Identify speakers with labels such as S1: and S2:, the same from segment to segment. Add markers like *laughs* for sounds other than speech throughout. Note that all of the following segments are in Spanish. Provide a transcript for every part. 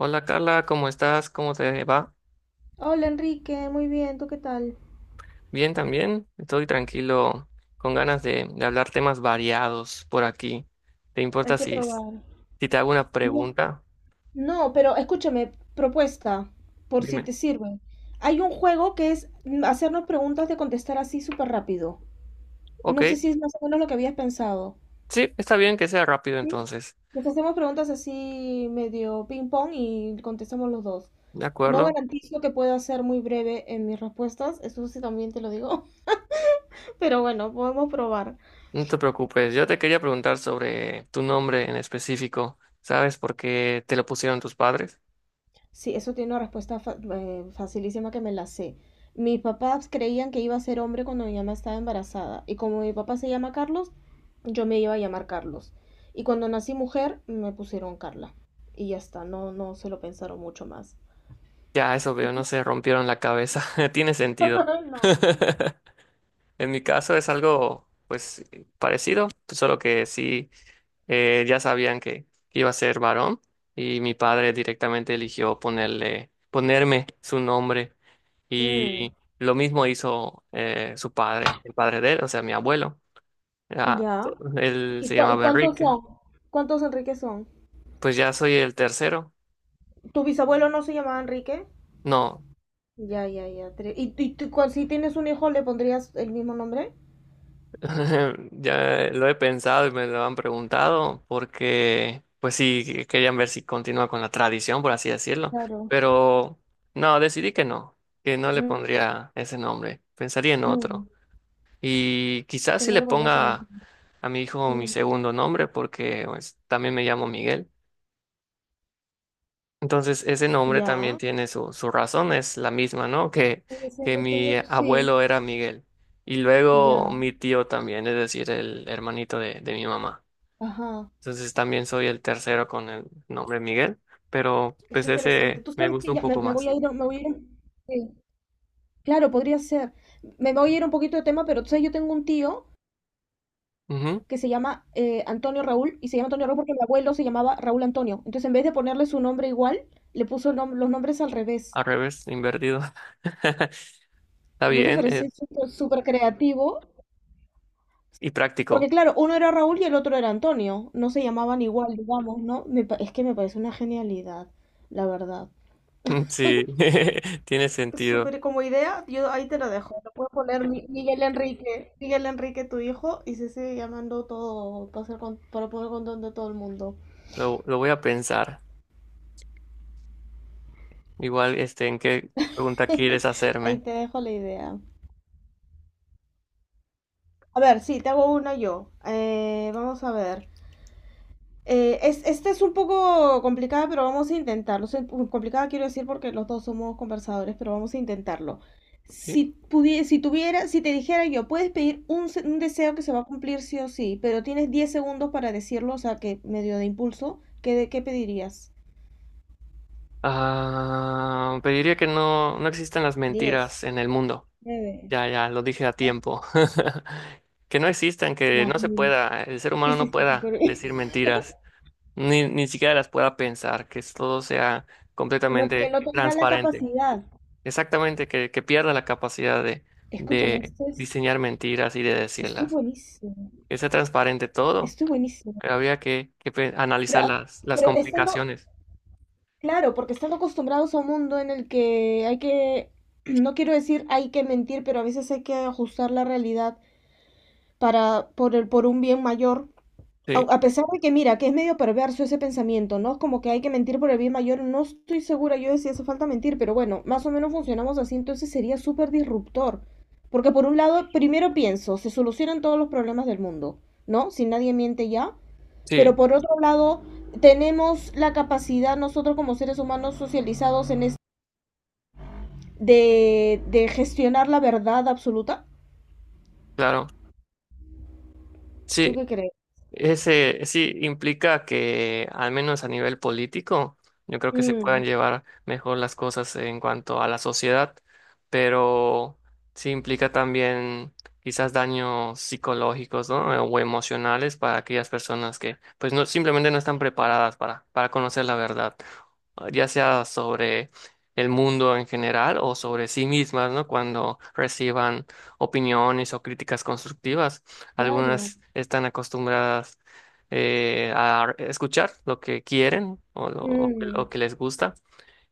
S1: Hola Carla, ¿cómo estás? ¿Cómo te va?
S2: Hola Enrique, muy bien, ¿tú qué tal?
S1: Bien también. Estoy tranquilo, con ganas de hablar temas variados por aquí. ¿Te
S2: Hay
S1: importa
S2: que
S1: si
S2: probar.
S1: te hago una
S2: No,
S1: pregunta?
S2: no, pero escúchame, propuesta, por si
S1: Dime.
S2: te sirve. Hay un juego que es hacernos preguntas de contestar así súper rápido.
S1: Ok,
S2: No sé si es más o menos lo que habías pensado.
S1: sí, está bien que sea rápido
S2: ¿Sí?
S1: entonces.
S2: Nos hacemos preguntas así medio ping pong y contestamos los dos.
S1: De
S2: No
S1: acuerdo,
S2: garantizo que pueda ser muy breve en mis respuestas, eso sí también te lo digo, *laughs* pero bueno, podemos probar.
S1: no te preocupes. Yo te quería preguntar sobre tu nombre en específico. ¿Sabes por qué te lo pusieron tus padres?
S2: Sí, eso tiene una respuesta facilísima que me la sé. Mis papás creían que iba a ser hombre cuando mi mamá estaba embarazada. Y como mi papá se llama Carlos, yo me iba a llamar Carlos. Y cuando nací mujer, me pusieron Carla. Y ya está, no, no se lo pensaron mucho más.
S1: Ya, eso
S2: Y-
S1: veo, no se rompieron la cabeza. *laughs* Tiene sentido.
S2: *laughs* No.
S1: *laughs* En mi caso es algo, pues, parecido, solo que sí. Ya sabían que iba a ser varón y mi padre directamente eligió ponerme su nombre
S2: Mm,
S1: y lo mismo hizo su padre, el padre de él, o sea, mi abuelo. Ah,
S2: ya.
S1: él
S2: ¿Y, y
S1: se
S2: cu- y
S1: llamaba
S2: cuántos
S1: Enrique.
S2: son? ¿Cuántos Enrique son?
S1: Pues ya soy el tercero.
S2: ¿Tu bisabuelo no se llamaba Enrique?
S1: No.
S2: Ya, ya, ya. ¿Y tú, si tienes un hijo, le pondrías el mismo nombre?
S1: *laughs* Ya lo he pensado y me lo han preguntado porque, pues sí, querían ver si continúa con la tradición, por así decirlo.
S2: Claro.
S1: Pero no, decidí que no le
S2: Mm,
S1: pondría ese nombre. Pensaría en otro.
S2: mm.
S1: Y quizás
S2: Que
S1: si
S2: no
S1: le
S2: le pondrías el mismo.
S1: ponga a mi hijo mi
S2: Mm.
S1: segundo nombre porque pues, también me llamo Miguel. Entonces, ese nombre también
S2: Ya.
S1: tiene su razón, es la misma, ¿no? Que,
S2: Sigue
S1: que
S2: siendo
S1: mi
S2: tuyo, sí.
S1: abuelo era Miguel y luego
S2: Ya,
S1: mi tío también, es decir, el hermanito de mi mamá.
S2: ajá.
S1: Entonces, también soy el tercero con el nombre Miguel, pero
S2: Es
S1: pues
S2: interesante.
S1: ese
S2: Tú
S1: me
S2: sabes
S1: gusta
S2: que
S1: un
S2: ya
S1: poco
S2: me voy
S1: más.
S2: a ir, me voy a ir sí. Claro, podría ser. Me voy a ir un poquito de tema, pero tú sabes, yo tengo un tío
S1: Ujú.
S2: que se llama Antonio Raúl, y se llama Antonio Raúl porque mi abuelo se llamaba Raúl Antonio. Entonces, en vez de ponerle su nombre igual, le puso los nombres al revés.
S1: Al revés, invertido. *laughs* Está
S2: ¿No te
S1: bien,
S2: parece súper súper creativo?
S1: y
S2: Porque
S1: práctico.
S2: claro, uno era Raúl y el otro era Antonio. No se llamaban igual, digamos, ¿no? Es que me parece una genialidad, la verdad.
S1: *laughs* Sí, *laughs* tiene sentido.
S2: Súper como idea, yo ahí te lo dejo. Lo puedes poner Miguel Enrique, Miguel Enrique, tu hijo, y se sigue llamando todo para, hacer para poner control de todo el mundo.
S1: Lo voy a pensar. Igual, este, ¿en qué pregunta quieres
S2: *laughs* Ahí
S1: hacerme?
S2: te dejo la idea. A ver, sí, te hago una yo. Vamos a ver. Esta es un poco complicada, pero vamos a intentarlo. Complicada quiero decir porque los dos somos conversadores, pero vamos a intentarlo.
S1: Sí.
S2: Si te dijera yo, puedes pedir un deseo que se va a cumplir sí o sí, pero tienes 10 segundos para decirlo, o sea, que medio de impulso, ¿qué, qué pedirías?
S1: Ah, te que no, no existan las
S2: 10,
S1: mentiras en el mundo.
S2: 9,
S1: Ya, ya, lo dije a tiempo. *laughs* Que no existan, que
S2: las
S1: no se
S2: mil.
S1: pueda, el ser
S2: Sí,
S1: humano no
S2: sí, sí,
S1: pueda
S2: súper bien.
S1: decir
S2: *laughs*
S1: mentiras, ni siquiera las pueda pensar, que todo sea
S2: Que
S1: completamente
S2: no tenga la
S1: transparente.
S2: capacidad.
S1: Exactamente, que pierda la capacidad de,
S2: Escúchame,
S1: de diseñar mentiras y de
S2: esto es
S1: decirlas.
S2: buenísimo.
S1: Que sea transparente todo,
S2: Esto es buenísimo.
S1: pero había que
S2: Pero,
S1: analizar las
S2: pero estando,
S1: complicaciones.
S2: claro, porque están acostumbrados a un mundo en el que hay que, *clears throat* no quiero decir hay que mentir, pero a veces hay que ajustar la realidad para, por un bien mayor.
S1: Sí,
S2: A pesar de que, mira, que es medio perverso ese pensamiento, ¿no? Como que hay que mentir por el bien mayor. No estoy segura yo de si hace falta mentir, pero bueno, más o menos funcionamos así, entonces sería súper disruptor. Porque por un lado, primero pienso, se solucionan todos los problemas del mundo, ¿no? Si nadie miente ya. Pero
S1: sí,
S2: por otro lado, tenemos la capacidad nosotros como seres humanos socializados de gestionar la verdad absoluta.
S1: claro.
S2: ¿Tú
S1: Sí.
S2: qué crees?
S1: Ese sí implica que, al menos a nivel político, yo creo que se
S2: Mm,
S1: puedan llevar mejor las cosas en cuanto a la sociedad, pero sí implica también quizás daños psicológicos, ¿no? O emocionales para aquellas personas que, pues, no, simplemente no están preparadas para conocer la verdad, ya sea sobre el mundo en general o sobre sí mismas, ¿no? Cuando reciban opiniones o críticas constructivas
S2: claro.
S1: algunas están acostumbradas a escuchar lo que quieren o, lo, o que o
S2: Mm,
S1: que les gusta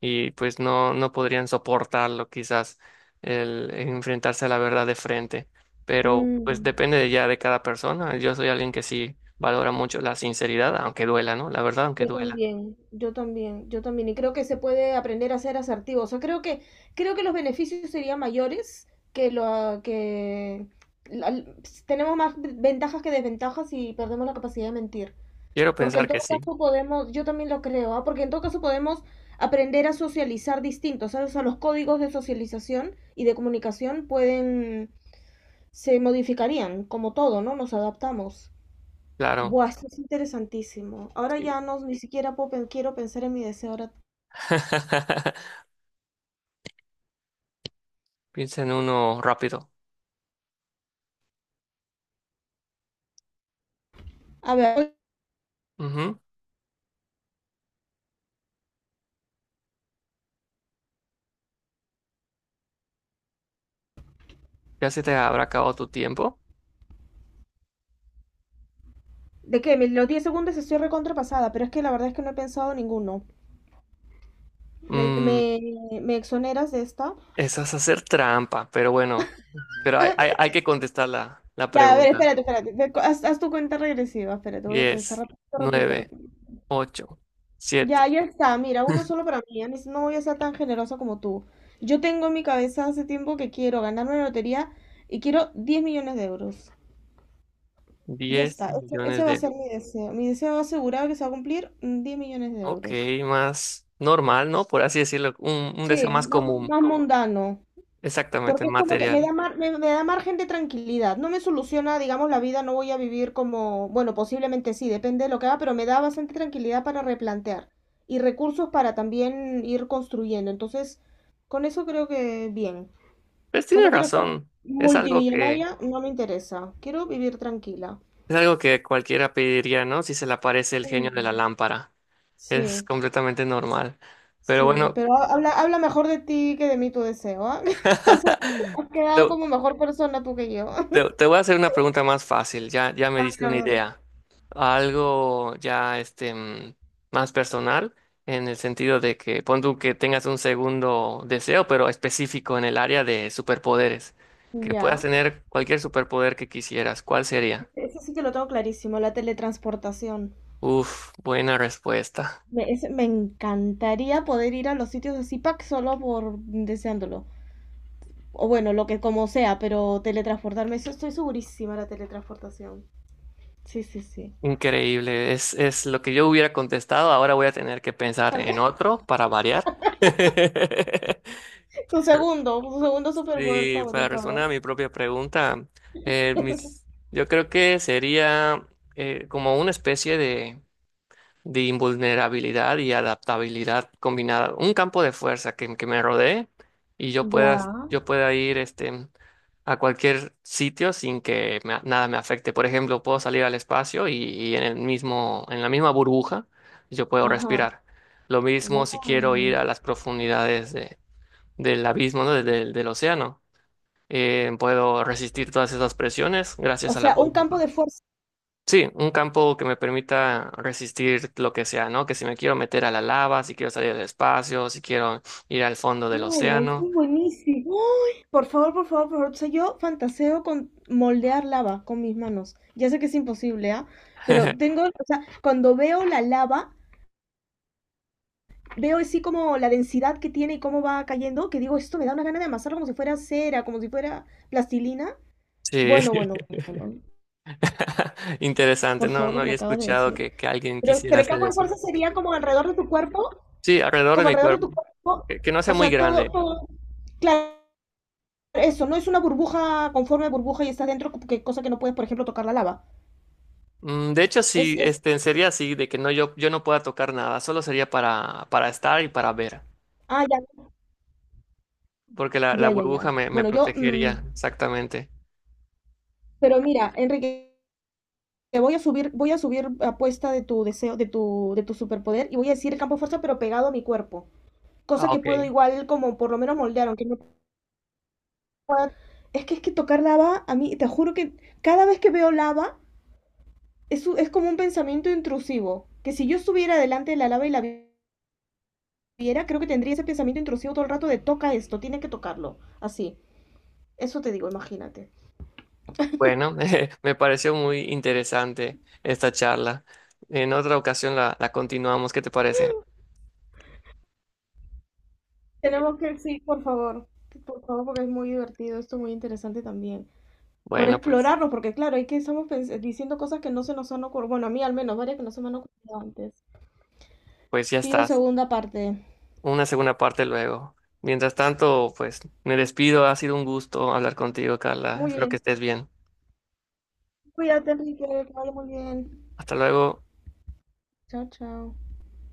S1: y pues no, no podrían soportarlo quizás el enfrentarse a la verdad de frente. Pero pues
S2: mm.
S1: depende de ya de cada persona. Yo soy alguien que sí valora mucho la sinceridad, aunque duela, ¿no? La verdad, aunque
S2: Yo
S1: duela.
S2: también, yo también, yo también. Y creo que se puede aprender a ser asertivo. O sea, creo que los beneficios serían mayores que lo que la- tenemos más ventajas que desventajas y perdemos la capacidad de mentir.
S1: Quiero
S2: Porque en
S1: pensar que
S2: todo
S1: sí,
S2: caso podemos, yo también lo creo, ¿ah? Porque en todo caso podemos aprender a socializar distintos, ¿sabes? O sea, los códigos de socialización y de comunicación pueden, se modificarían, como todo, ¿no? Nos adaptamos.
S1: claro.
S2: Buah, esto es interesantísimo. Ahora
S1: Sí.
S2: ya no, ni siquiera quiero pensar en mi deseo. Ahora,
S1: *laughs* Piensa en uno rápido.
S2: a ver,
S1: Ujú. Ya se te habrá acabado tu tiempo.
S2: ¿de qué? Los 10 segundos estoy recontrapasada, pero es que la verdad es que no he pensado ninguno. ¿Me,
S1: Mm,
S2: me, me exoneras de esta?
S1: Esa es hacer trampa, pero bueno, pero hay que contestar la
S2: Ya, a ver,
S1: pregunta.
S2: espérate. Haz tu cuenta regresiva, espérate, voy a pensar.
S1: Diez,
S2: Repito, repito,
S1: nueve,
S2: repito.
S1: ocho,
S2: Ya,
S1: siete,
S2: ya está. Mira, uno solo para mí. Ani, no, no voy a ser tan generosa como tú. Yo tengo en mi cabeza hace tiempo que quiero ganarme la lotería y quiero 10 millones de euros. Ya
S1: diez
S2: está.
S1: millones
S2: Ese va
S1: de...
S2: a ser
S1: euros.
S2: mi deseo. Mi deseo asegurado que se va a cumplir 10 millones de
S1: Ok,
S2: euros.
S1: más normal, ¿no? Por así decirlo, un deseo
S2: Sí,
S1: más
S2: más,
S1: común,
S2: más mundano.
S1: exactamente,
S2: Porque es como que me
S1: material.
S2: da, me da margen de tranquilidad. No me soluciona, digamos, la vida, no voy a vivir como, bueno, posiblemente sí, depende de lo que haga, pero me da bastante tranquilidad para replantear y recursos para también ir construyendo. Entonces, con eso creo que bien.
S1: Pues
S2: O sea,
S1: tiene
S2: no quiero ser
S1: razón, es algo que,
S2: multimillonaria, no me interesa. Quiero vivir tranquila.
S1: es algo que cualquiera pediría, ¿no? Si se le aparece el genio de la
S2: Mm.
S1: lámpara, es
S2: Sí,
S1: completamente normal. Pero
S2: sí,
S1: bueno,
S2: pero habla, habla mejor de ti que de mí tu deseo, ¿ah? *laughs* O sea,
S1: *laughs*
S2: has
S1: te
S2: quedado como mejor persona tú que yo.
S1: Te,
S2: *laughs*
S1: te voy a hacer una pregunta más fácil, ya, ya me
S2: A
S1: diste
S2: ver, a
S1: una
S2: ver.
S1: idea. Algo ya más personal, en el sentido de que pon tú que tengas un segundo deseo, pero específico en el área de superpoderes. Que puedas
S2: Ya.
S1: tener cualquier superpoder que quisieras. ¿Cuál sería?
S2: Eso sí que lo tengo clarísimo, la teletransportación.
S1: Uf, buena respuesta.
S2: Me encantaría poder ir a los sitios de Zipac solo por deseándolo. O bueno, lo que como sea, pero teletransportarme, eso estoy segurísima, la teletransportación. Sí, sí, sí.
S1: Increíble. Es lo que yo hubiera contestado. Ahora voy a tener que pensar en
S2: *laughs*
S1: otro para variar. *laughs* Pero
S2: Tu segundo superpoder
S1: Y para
S2: favorito, a ver.
S1: responder a mi propia pregunta, eh, mis-
S2: *laughs*
S1: yo creo que sería como una especie de invulnerabilidad y adaptabilidad combinada, un campo de fuerza que me rodee y yo pueda,
S2: Ya,
S1: yo pueda ir a cualquier sitio sin que nada me afecte. Por ejemplo, puedo salir al espacio y en en la misma burbuja yo puedo
S2: ajá,
S1: respirar. Lo mismo si quiero ir a
S2: guay.
S1: las profundidades del abismo, ¿no? Del océano, puedo resistir todas esas presiones
S2: O
S1: gracias a la
S2: sea, un campo
S1: burbuja.
S2: de fuerza.
S1: Sí, un campo que me permita resistir lo que sea, ¿no? Que si me quiero meter a la lava, si quiero salir del espacio, si quiero ir al fondo del
S2: ¡Hala! Eso
S1: océano.
S2: es buenísimo. Por favor, por favor, por favor. O sea, yo fantaseo con moldear lava con mis manos. Ya sé que es imposible, ¿ah? Pero
S1: *laughs*
S2: tengo, o sea, cuando veo la lava, veo así como la densidad que tiene y cómo va cayendo, que digo, esto me da una gana de amasarlo como si fuera cera, como si fuera plastilina.
S1: Sí,
S2: Bueno, bueno, bueno, bueno.
S1: *laughs* interesante,
S2: Por
S1: no,
S2: favor,
S1: no
S2: lo que me
S1: había
S2: acabas de
S1: escuchado
S2: decir.
S1: que alguien quisiera
S2: Pero el
S1: hacer
S2: campo de
S1: eso.
S2: fuerza sería como alrededor de tu cuerpo,
S1: Sí, alrededor de
S2: como
S1: mi
S2: alrededor de
S1: cuerpo,
S2: tu cuerpo,
S1: que no sea
S2: o
S1: muy
S2: sea, todo,
S1: grande.
S2: todo. Claro, eso, no es una burbuja con forma de burbuja y estás dentro, que cosa que no puedes, por ejemplo, tocar la lava.
S1: De hecho,
S2: Es,
S1: sí,
S2: es,
S1: sería así, de que no, yo no pueda tocar nada, solo sería para estar y para ver.
S2: ya,
S1: Porque la
S2: ya, ya, ya.
S1: burbuja me
S2: Bueno, yo,
S1: protegería, exactamente.
S2: pero mira, Enrique, te voy a subir apuesta de tu deseo, de tu superpoder y voy a decir el campo de fuerza, pero pegado a mi cuerpo. Cosa
S1: Ah,
S2: que
S1: ok.
S2: puedo igual, como por lo menos moldear, aunque no pueda. Es que tocar lava, a mí, te juro que cada vez que veo lava, es como un pensamiento intrusivo. Que si yo estuviera delante de la lava y viera, creo que tendría ese pensamiento intrusivo todo el rato de toca esto, tiene que tocarlo. Así. Eso te digo, imagínate.
S1: Bueno, *laughs* me pareció muy interesante esta charla. En otra ocasión la continuamos, ¿qué te parece?
S2: Tenemos que, sí, por favor, porque es muy divertido, esto es muy interesante también. Por
S1: Bueno, pues,
S2: explorarlo, porque claro, hay que diciendo cosas que no se nos han ocurrido, bueno, a mí al menos, varias que no se me han ocurrido antes.
S1: pues ya
S2: Pido
S1: estás.
S2: segunda parte.
S1: Una segunda parte luego. Mientras tanto, pues me despido. Ha sido un gusto hablar contigo, Carla.
S2: Muy
S1: Espero que
S2: bien.
S1: estés bien.
S2: Cuídate, Enrique, que vaya muy bien.
S1: Hasta luego.
S2: Chao, chao.